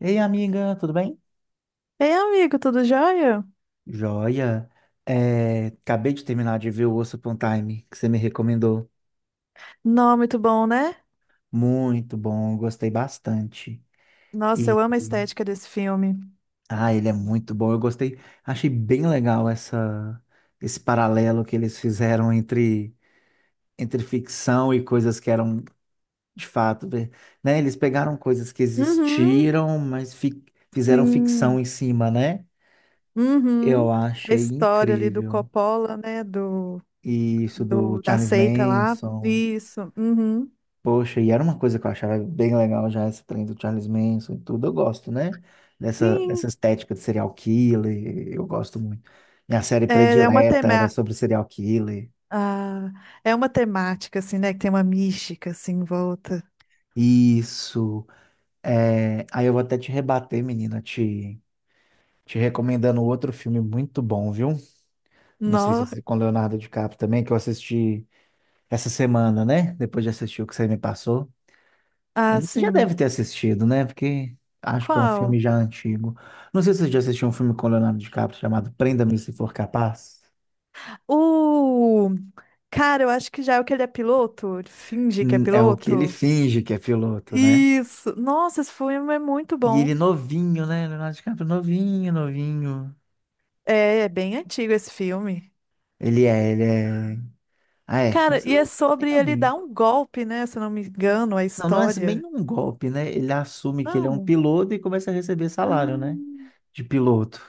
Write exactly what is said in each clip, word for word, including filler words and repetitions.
Ei, amiga, tudo bem? Ei, amigo, tudo jóia? Joia. É, acabei de terminar de ver o Osso Upon Time, que você me recomendou. Não, muito bom, né? Muito bom, gostei bastante. Nossa, eu E, amo a estética desse filme. ah, ele é muito bom. Eu gostei, achei bem legal essa, esse paralelo que eles fizeram entre, entre ficção e coisas que eram de fato, ver- né? Eles pegaram coisas que Uhum, existiram, mas fi- fizeram ficção sim. em cima, né? Eu Uhum. A achei história ali do incrível. Coppola, né? Do, E isso do do, da Charles seita lá. Manson. Isso. Uhum. Poxa, e era uma coisa que eu achava bem legal já, esse trem do Charles Manson e tudo. Eu gosto, né? Dessa, Sim. dessa estética de serial killer, eu gosto muito. Minha série É, é uma predileta era tema... sobre serial killer. ah, é uma temática, assim, né? Que tem uma mística, assim, em volta. Isso. É, aí eu vou até te rebater, menina, te, te recomendando outro filme muito bom, viu? Não sei se No... você com Leonardo DiCaprio também, que eu assisti essa semana, né? Depois de assistir o que você me passou. Eu Ah, não- Você já deve sim. ter assistido, né? Porque acho que é um Qual? filme já antigo. Não sei se você já assistiu um filme com Leonardo DiCaprio chamado Prenda-me Se For Capaz. O... Cara, eu acho que já é o que ele é piloto. Ele finge que é Hum, É o que ele piloto. finge que é piloto, né? Isso. Nossa, esse filme é muito E bom. ele novinho, né? Leonardo DiCaprio novinho, novinho. É, é bem antigo esse filme. Ele é, ele é. Ah, é. Cara, Você e é lembra que ele é bem sobre ele novinho. dar um golpe, né? Se eu não me engano, a Não, não é assim, bem história. um golpe, né? Ele assume que ele é um Não. piloto e começa a receber salário, né? Hum. De piloto.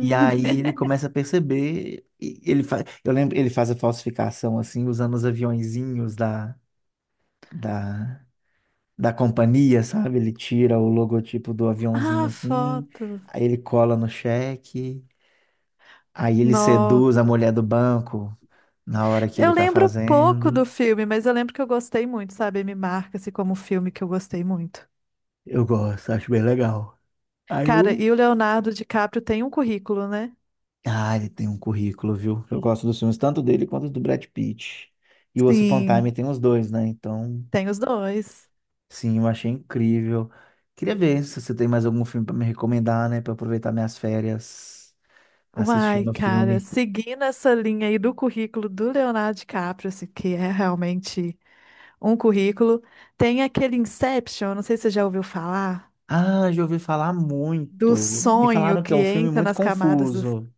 E aí ele começa a perceber, e ele faz, eu lembro, ele faz a falsificação assim, usando os aviõezinhos da, da, da companhia, sabe? Ele tira o logotipo do aviãozinho Ah, assim, foto. aí ele cola no cheque, aí ele Nó. seduz a mulher do banco na hora que ele Eu tá lembro pouco do fazendo. filme, mas eu lembro que eu gostei muito, sabe? Me marca-se como um filme que eu gostei muito. Eu gosto, acho bem legal. Aí Cara, eu, e o Leonardo DiCaprio tem um currículo, né? ah, ele tem um currículo, viu? Eu gosto dos filmes tanto dele quanto do Brad Pitt. E o Once Upon a Time Sim, tem os dois, né? Então tem os dois. sim, eu achei incrível. Queria ver se você tem mais algum filme para me recomendar, né? Para aproveitar minhas férias Uai, assistindo o cara, filme. seguindo essa linha aí do currículo do Leonardo DiCaprio, assim, que é realmente um currículo, tem aquele Inception, não sei se você já ouviu falar, Ah, já ouvi falar do muito. Me sonho falaram que é que um filme entra muito nas camadas dos. confuso.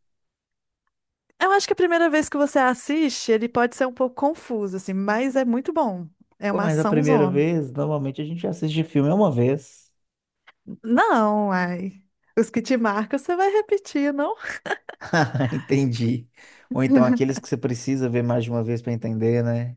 Eu acho que a primeira vez que você assiste, ele pode ser um pouco confuso, assim, mas é muito bom. É Pô, uma mas a ação primeira zona. vez, normalmente a gente assiste filme uma vez. Não, ai. Os que te marcam, você vai repetir, não? Entendi. Ou então aqueles que você precisa ver mais de uma vez para entender, né?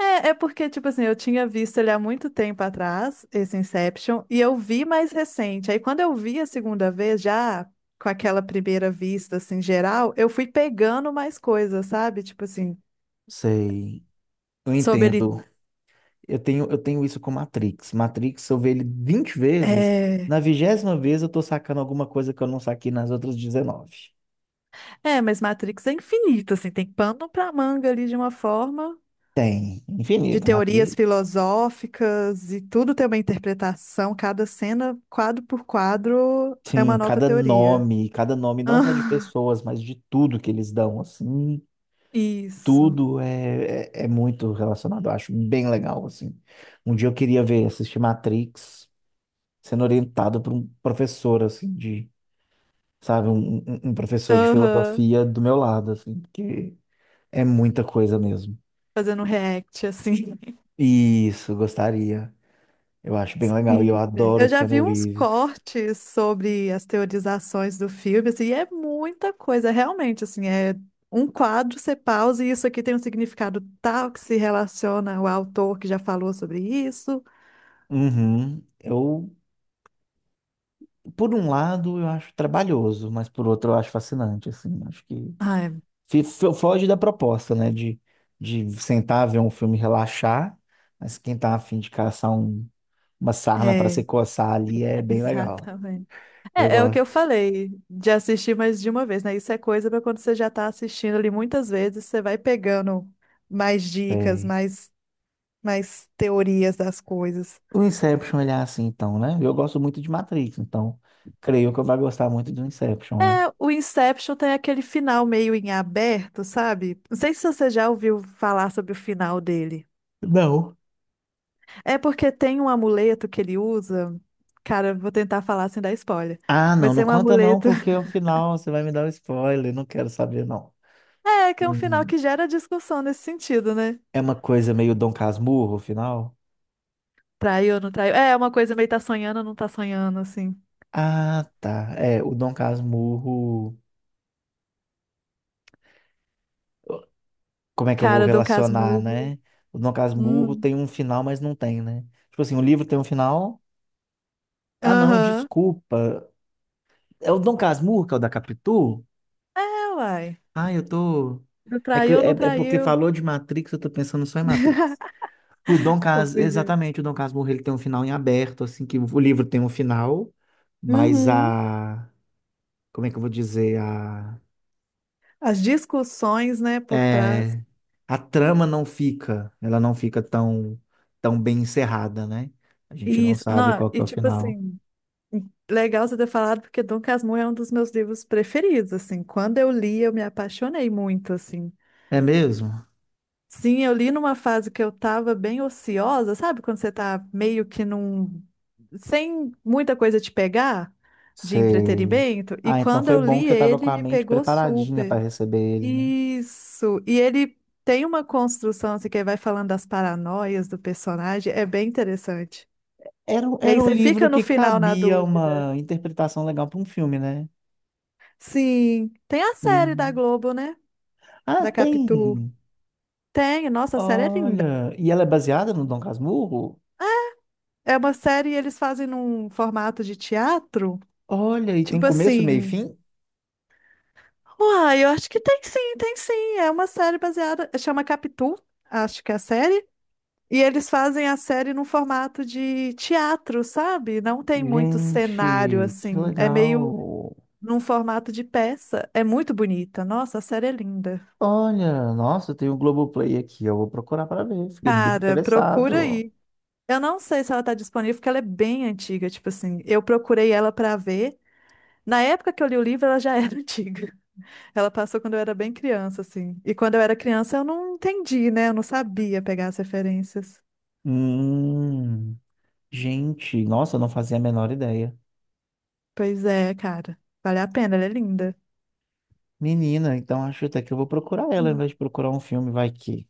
É, é porque, tipo assim, eu tinha visto ele há muito tempo atrás, esse Inception, e eu vi mais recente. Aí, quando eu vi a segunda vez, já com aquela primeira vista, assim, geral, eu fui pegando mais coisas, sabe? Tipo assim, Sei. Eu sobre ele. entendo. Eu tenho, eu tenho isso com Matrix. Matrix, eu vejo ele vinte vezes, É, na vigésima vez eu tô sacando alguma coisa que eu não saquei nas outras dezenove. é, mas Matrix é infinito, assim, tem pano pra manga ali de uma forma, Tem, de infinito. Hum, teorias Matrix. filosóficas e tudo tem uma interpretação, cada cena, quadro por quadro, é Sim, uma nova cada teoria. nome, cada nome não só de Ah, pessoas, mas de tudo que eles dão, assim, isso. tudo é, é, é muito relacionado, eu acho bem legal, assim. Um dia eu queria ver, assistir Matrix sendo orientado por um professor, assim, de, sabe, um, um um professor de Aham. filosofia do meu lado, assim, porque é muita coisa mesmo. Fazendo react, assim. Isso, gostaria. Eu acho bem legal e eu Sim, velho. adoro Eu já Keanu vi uns Reeves. cortes sobre as teorizações do filme, assim, e é muita coisa, realmente, assim, é um quadro, você pausa, e isso aqui tem um significado tal que se relaciona ao autor que já falou sobre isso. Uhum. Eu, por um lado, eu acho trabalhoso, mas por outro, eu acho fascinante, assim. Acho que Ah, fi- fi- foge da proposta, né? De, de sentar, ver um filme, e relaxar. Mas quem tá afim de caçar um, uma sarna para é, é, se coçar ali é bem legal. exatamente. Eu É, é o que eu gosto. falei, de assistir mais de uma vez, né? Isso é coisa para quando você já tá assistindo ali muitas vezes, você vai pegando mais dicas, Sei. mais, mais teorias das coisas. O Inception, ele é assim, então, né? Eu gosto muito de Matrix, então creio que eu vou gostar muito do Inception, né? É, o Inception tem aquele final meio em aberto, sabe? Não sei se você já ouviu falar sobre o final dele. Não. É porque tem um amuleto que ele usa. Cara, vou tentar falar sem dar spoiler. Ah, não, Mas não tem um conta não, amuleto. porque ao final você vai me dar um spoiler, não quero saber não. É, que é um final Uhum. que gera discussão nesse sentido, né? É uma coisa meio Dom Casmurro, o final? Traiu ou não traiu? É, uma coisa meio tá sonhando ou não tá sonhando, assim. Ah, tá. É, o Dom Casmurro, como é que eu vou Cara, Dom relacionar, Casmurro. né? O Dom Casmurro Hum. tem um final, mas não tem, né? Tipo assim, o livro tem um final. Ah, não, Aham. desculpa. É o Dom Casmurro que é o da Capitu? É, uai. Ah, eu tô. Não, É que traiu ou é, não é porque traiu? falou de Matrix, eu tô pensando só em Matrix. O Dom Cas, Confundiu. exatamente, o Dom Casmurro, ele tem um final em aberto, assim, que o livro tem um final, mas Uhum. a, como é que eu vou dizer, a, As discussões, né, por trás. é, a trama não fica, ela não fica tão, tão bem encerrada, né? A gente não Isso, sabe não, qual que e é o tipo final. assim, legal você ter falado, porque Dom Casmurro é um dos meus livros preferidos, assim, quando eu li, eu me apaixonei muito, assim. É mesmo? Sim, eu li numa fase que eu tava bem ociosa, sabe? Quando você tá meio que num... sem muita coisa te pegar de Sei. entretenimento, e Ah, então quando foi eu bom que li você estava com ele, a me mente pegou preparadinha super. para receber ele, né? Isso, e ele tem uma construção, assim, que ele vai falando das paranoias do personagem, é bem interessante. Era, um- E aí era um você fica livro no que final na cabia dúvida. uma interpretação legal para um filme, né? Sim, tem a série da E- Globo, né? Ah, Da Capitu. tem. Tem, nossa, a série é linda. Olha, e ela é baseada no Dom Casmurro? É uma série e eles fazem num formato de teatro, Olha, e tem tipo começo, meio e assim. fim? Uai, eu acho que tem sim, tem sim. É uma série baseada, chama Capitu, acho que é a série. E eles fazem a série num formato de teatro, sabe? Não tem muito cenário Gente, que assim. É meio legal. num formato de peça. É muito bonita. Nossa, a série é linda. Olha, nossa, tem o Globoplay aqui, eu vou procurar para ver, fiquei bem Cara, procura interessado. aí. Eu não sei se ela tá disponível, porque ela é bem antiga, tipo assim, eu procurei ela pra ver. Na época que eu li o livro, ela já era antiga. Ela passou quando eu era bem criança, assim. E quando eu era criança, eu não entendi, né? Eu não sabia pegar as referências. Hum, gente, nossa, eu não fazia a menor ideia. Pois é, cara. Vale a pena, ela é linda. Menina, então acho até que eu vou procurar ela ao invés de procurar um filme, vai que.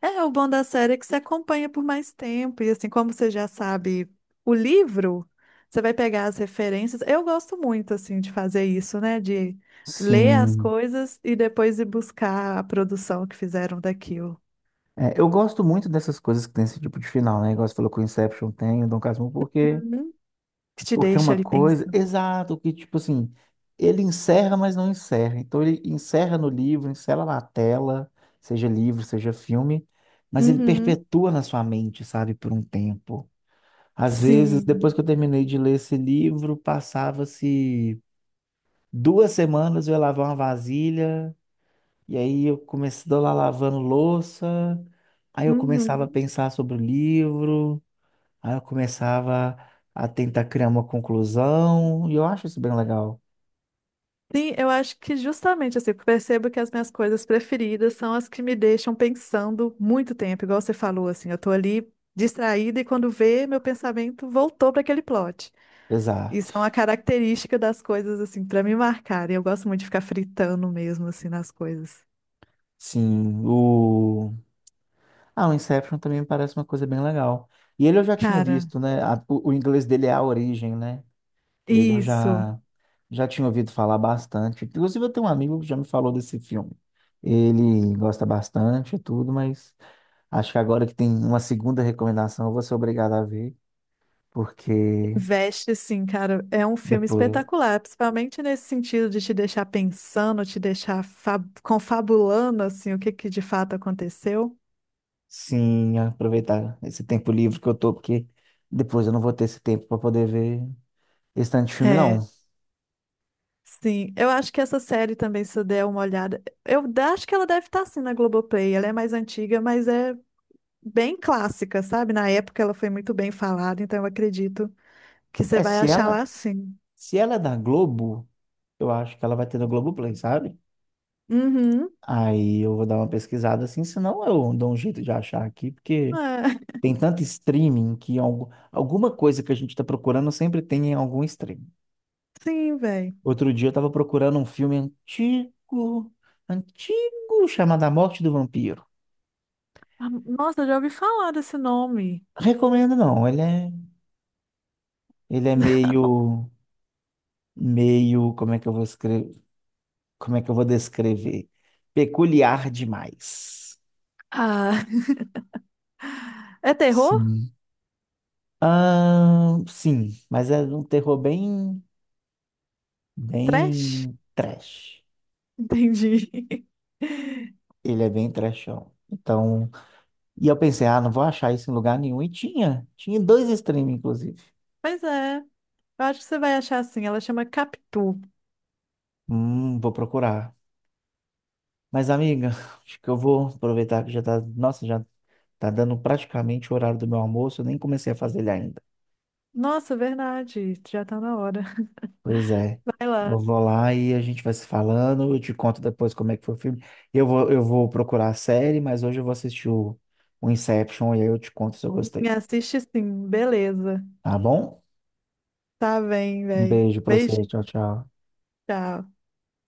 É, o bom da série é que você acompanha por mais tempo, e assim, como você já sabe o livro, você vai pegar as referências. Eu gosto muito, assim, de fazer isso, né? De ler as Sim. coisas e depois ir buscar a produção que fizeram daquilo. É, eu gosto muito dessas coisas que tem esse tipo de final, né? Igual você falou que o Inception tem, o Dom Casmurro, porque Uhum. Que te porque é deixa uma ali coisa, pensando. exato, que tipo assim, ele encerra, mas não encerra. Então ele encerra no livro, encerra na tela, seja livro, seja filme, mas ele Uhum. perpetua na sua mente, sabe, por um tempo. Às vezes, depois Sim. que eu terminei de ler esse livro, passava-se duas semanas eu ia lavar uma vasilha, e aí eu comecei lá lavando louça, aí eu começava a Uhum. pensar sobre o livro. Aí eu começava a tentar criar uma conclusão, e eu acho isso bem legal. Sim, eu acho que justamente assim, eu percebo que as minhas coisas preferidas são as que me deixam pensando muito tempo, igual você falou, assim, eu tô ali distraída e quando vê, meu pensamento voltou para aquele plot. Exato. Isso é uma característica das coisas, assim, para me marcarem. Eu gosto muito de ficar fritando mesmo, assim, nas coisas. Sim, o... Ah, o Inception também me parece uma coisa bem legal. E ele eu já tinha Cara, visto, né? A- o, o inglês dele é A Origem, né? Ele eu isso, já, já tinha ouvido falar bastante. Inclusive, eu tenho um amigo que já me falou desse filme. Ele gosta bastante e tudo, mas acho que agora que tem uma segunda recomendação, eu vou ser obrigado a ver, porque investe, assim, cara, é um filme depois espetacular, principalmente nesse sentido de te deixar pensando, te deixar fa- confabulando, assim, o que que de fato aconteceu. sim, aproveitar esse tempo livre que eu tô, porque depois eu não vou ter esse tempo para poder ver esse tanto de filme, É, não. sim, eu acho que essa série também, se eu der uma olhada, eu da- acho que ela deve estar assim na Globoplay. Ela é mais antiga, mas é bem clássica, sabe? Na época ela foi muito bem falada, então eu acredito que você É, vai se achar ela, lá sim. se ela é da Globo, eu acho que ela vai ter no Globoplay, sabe? Uhum. Aí eu vou dar uma pesquisada assim, senão eu dou um jeito de achar aqui, É, porque tem tanto streaming que algu- alguma coisa que a gente tá procurando sempre tem em algum streaming. sim, velho. Outro dia eu tava procurando um filme antigo, antigo, chamado A Morte do Vampiro. Nossa, eu já ouvi falar desse nome. Recomendo não, ele é, ele é meio meio, como é que eu vou escrever, como é que eu vou descrever? Peculiar demais. Ah, é terror? Sim. Ah, sim, mas é um terror bem, Trash? bem trash. Entendi. Ele é bem trashão. Então, e eu pensei, ah, não vou achar isso em lugar nenhum. E tinha, tinha em dois streams, inclusive. Pois é, eu acho que você vai achar assim. Ela chama Capitu. Hum, vou procurar. Mas, amiga, acho que eu vou aproveitar que já tá, nossa, já tá dando praticamente o horário do meu almoço. Eu nem comecei a fazer ele ainda. Nossa, verdade, já tá na hora. Pois é. Vai Eu lá. vou lá e a gente vai se falando. Eu te conto depois como é que foi o filme. Eu vou, eu vou procurar a série, mas hoje eu vou assistir o, o Inception e aí eu te conto se eu Me gostei. assiste sim, beleza. Tá bom? Tá bem, Um velho. beijo pra você. Beijinho, Tchau, tchau. tchau.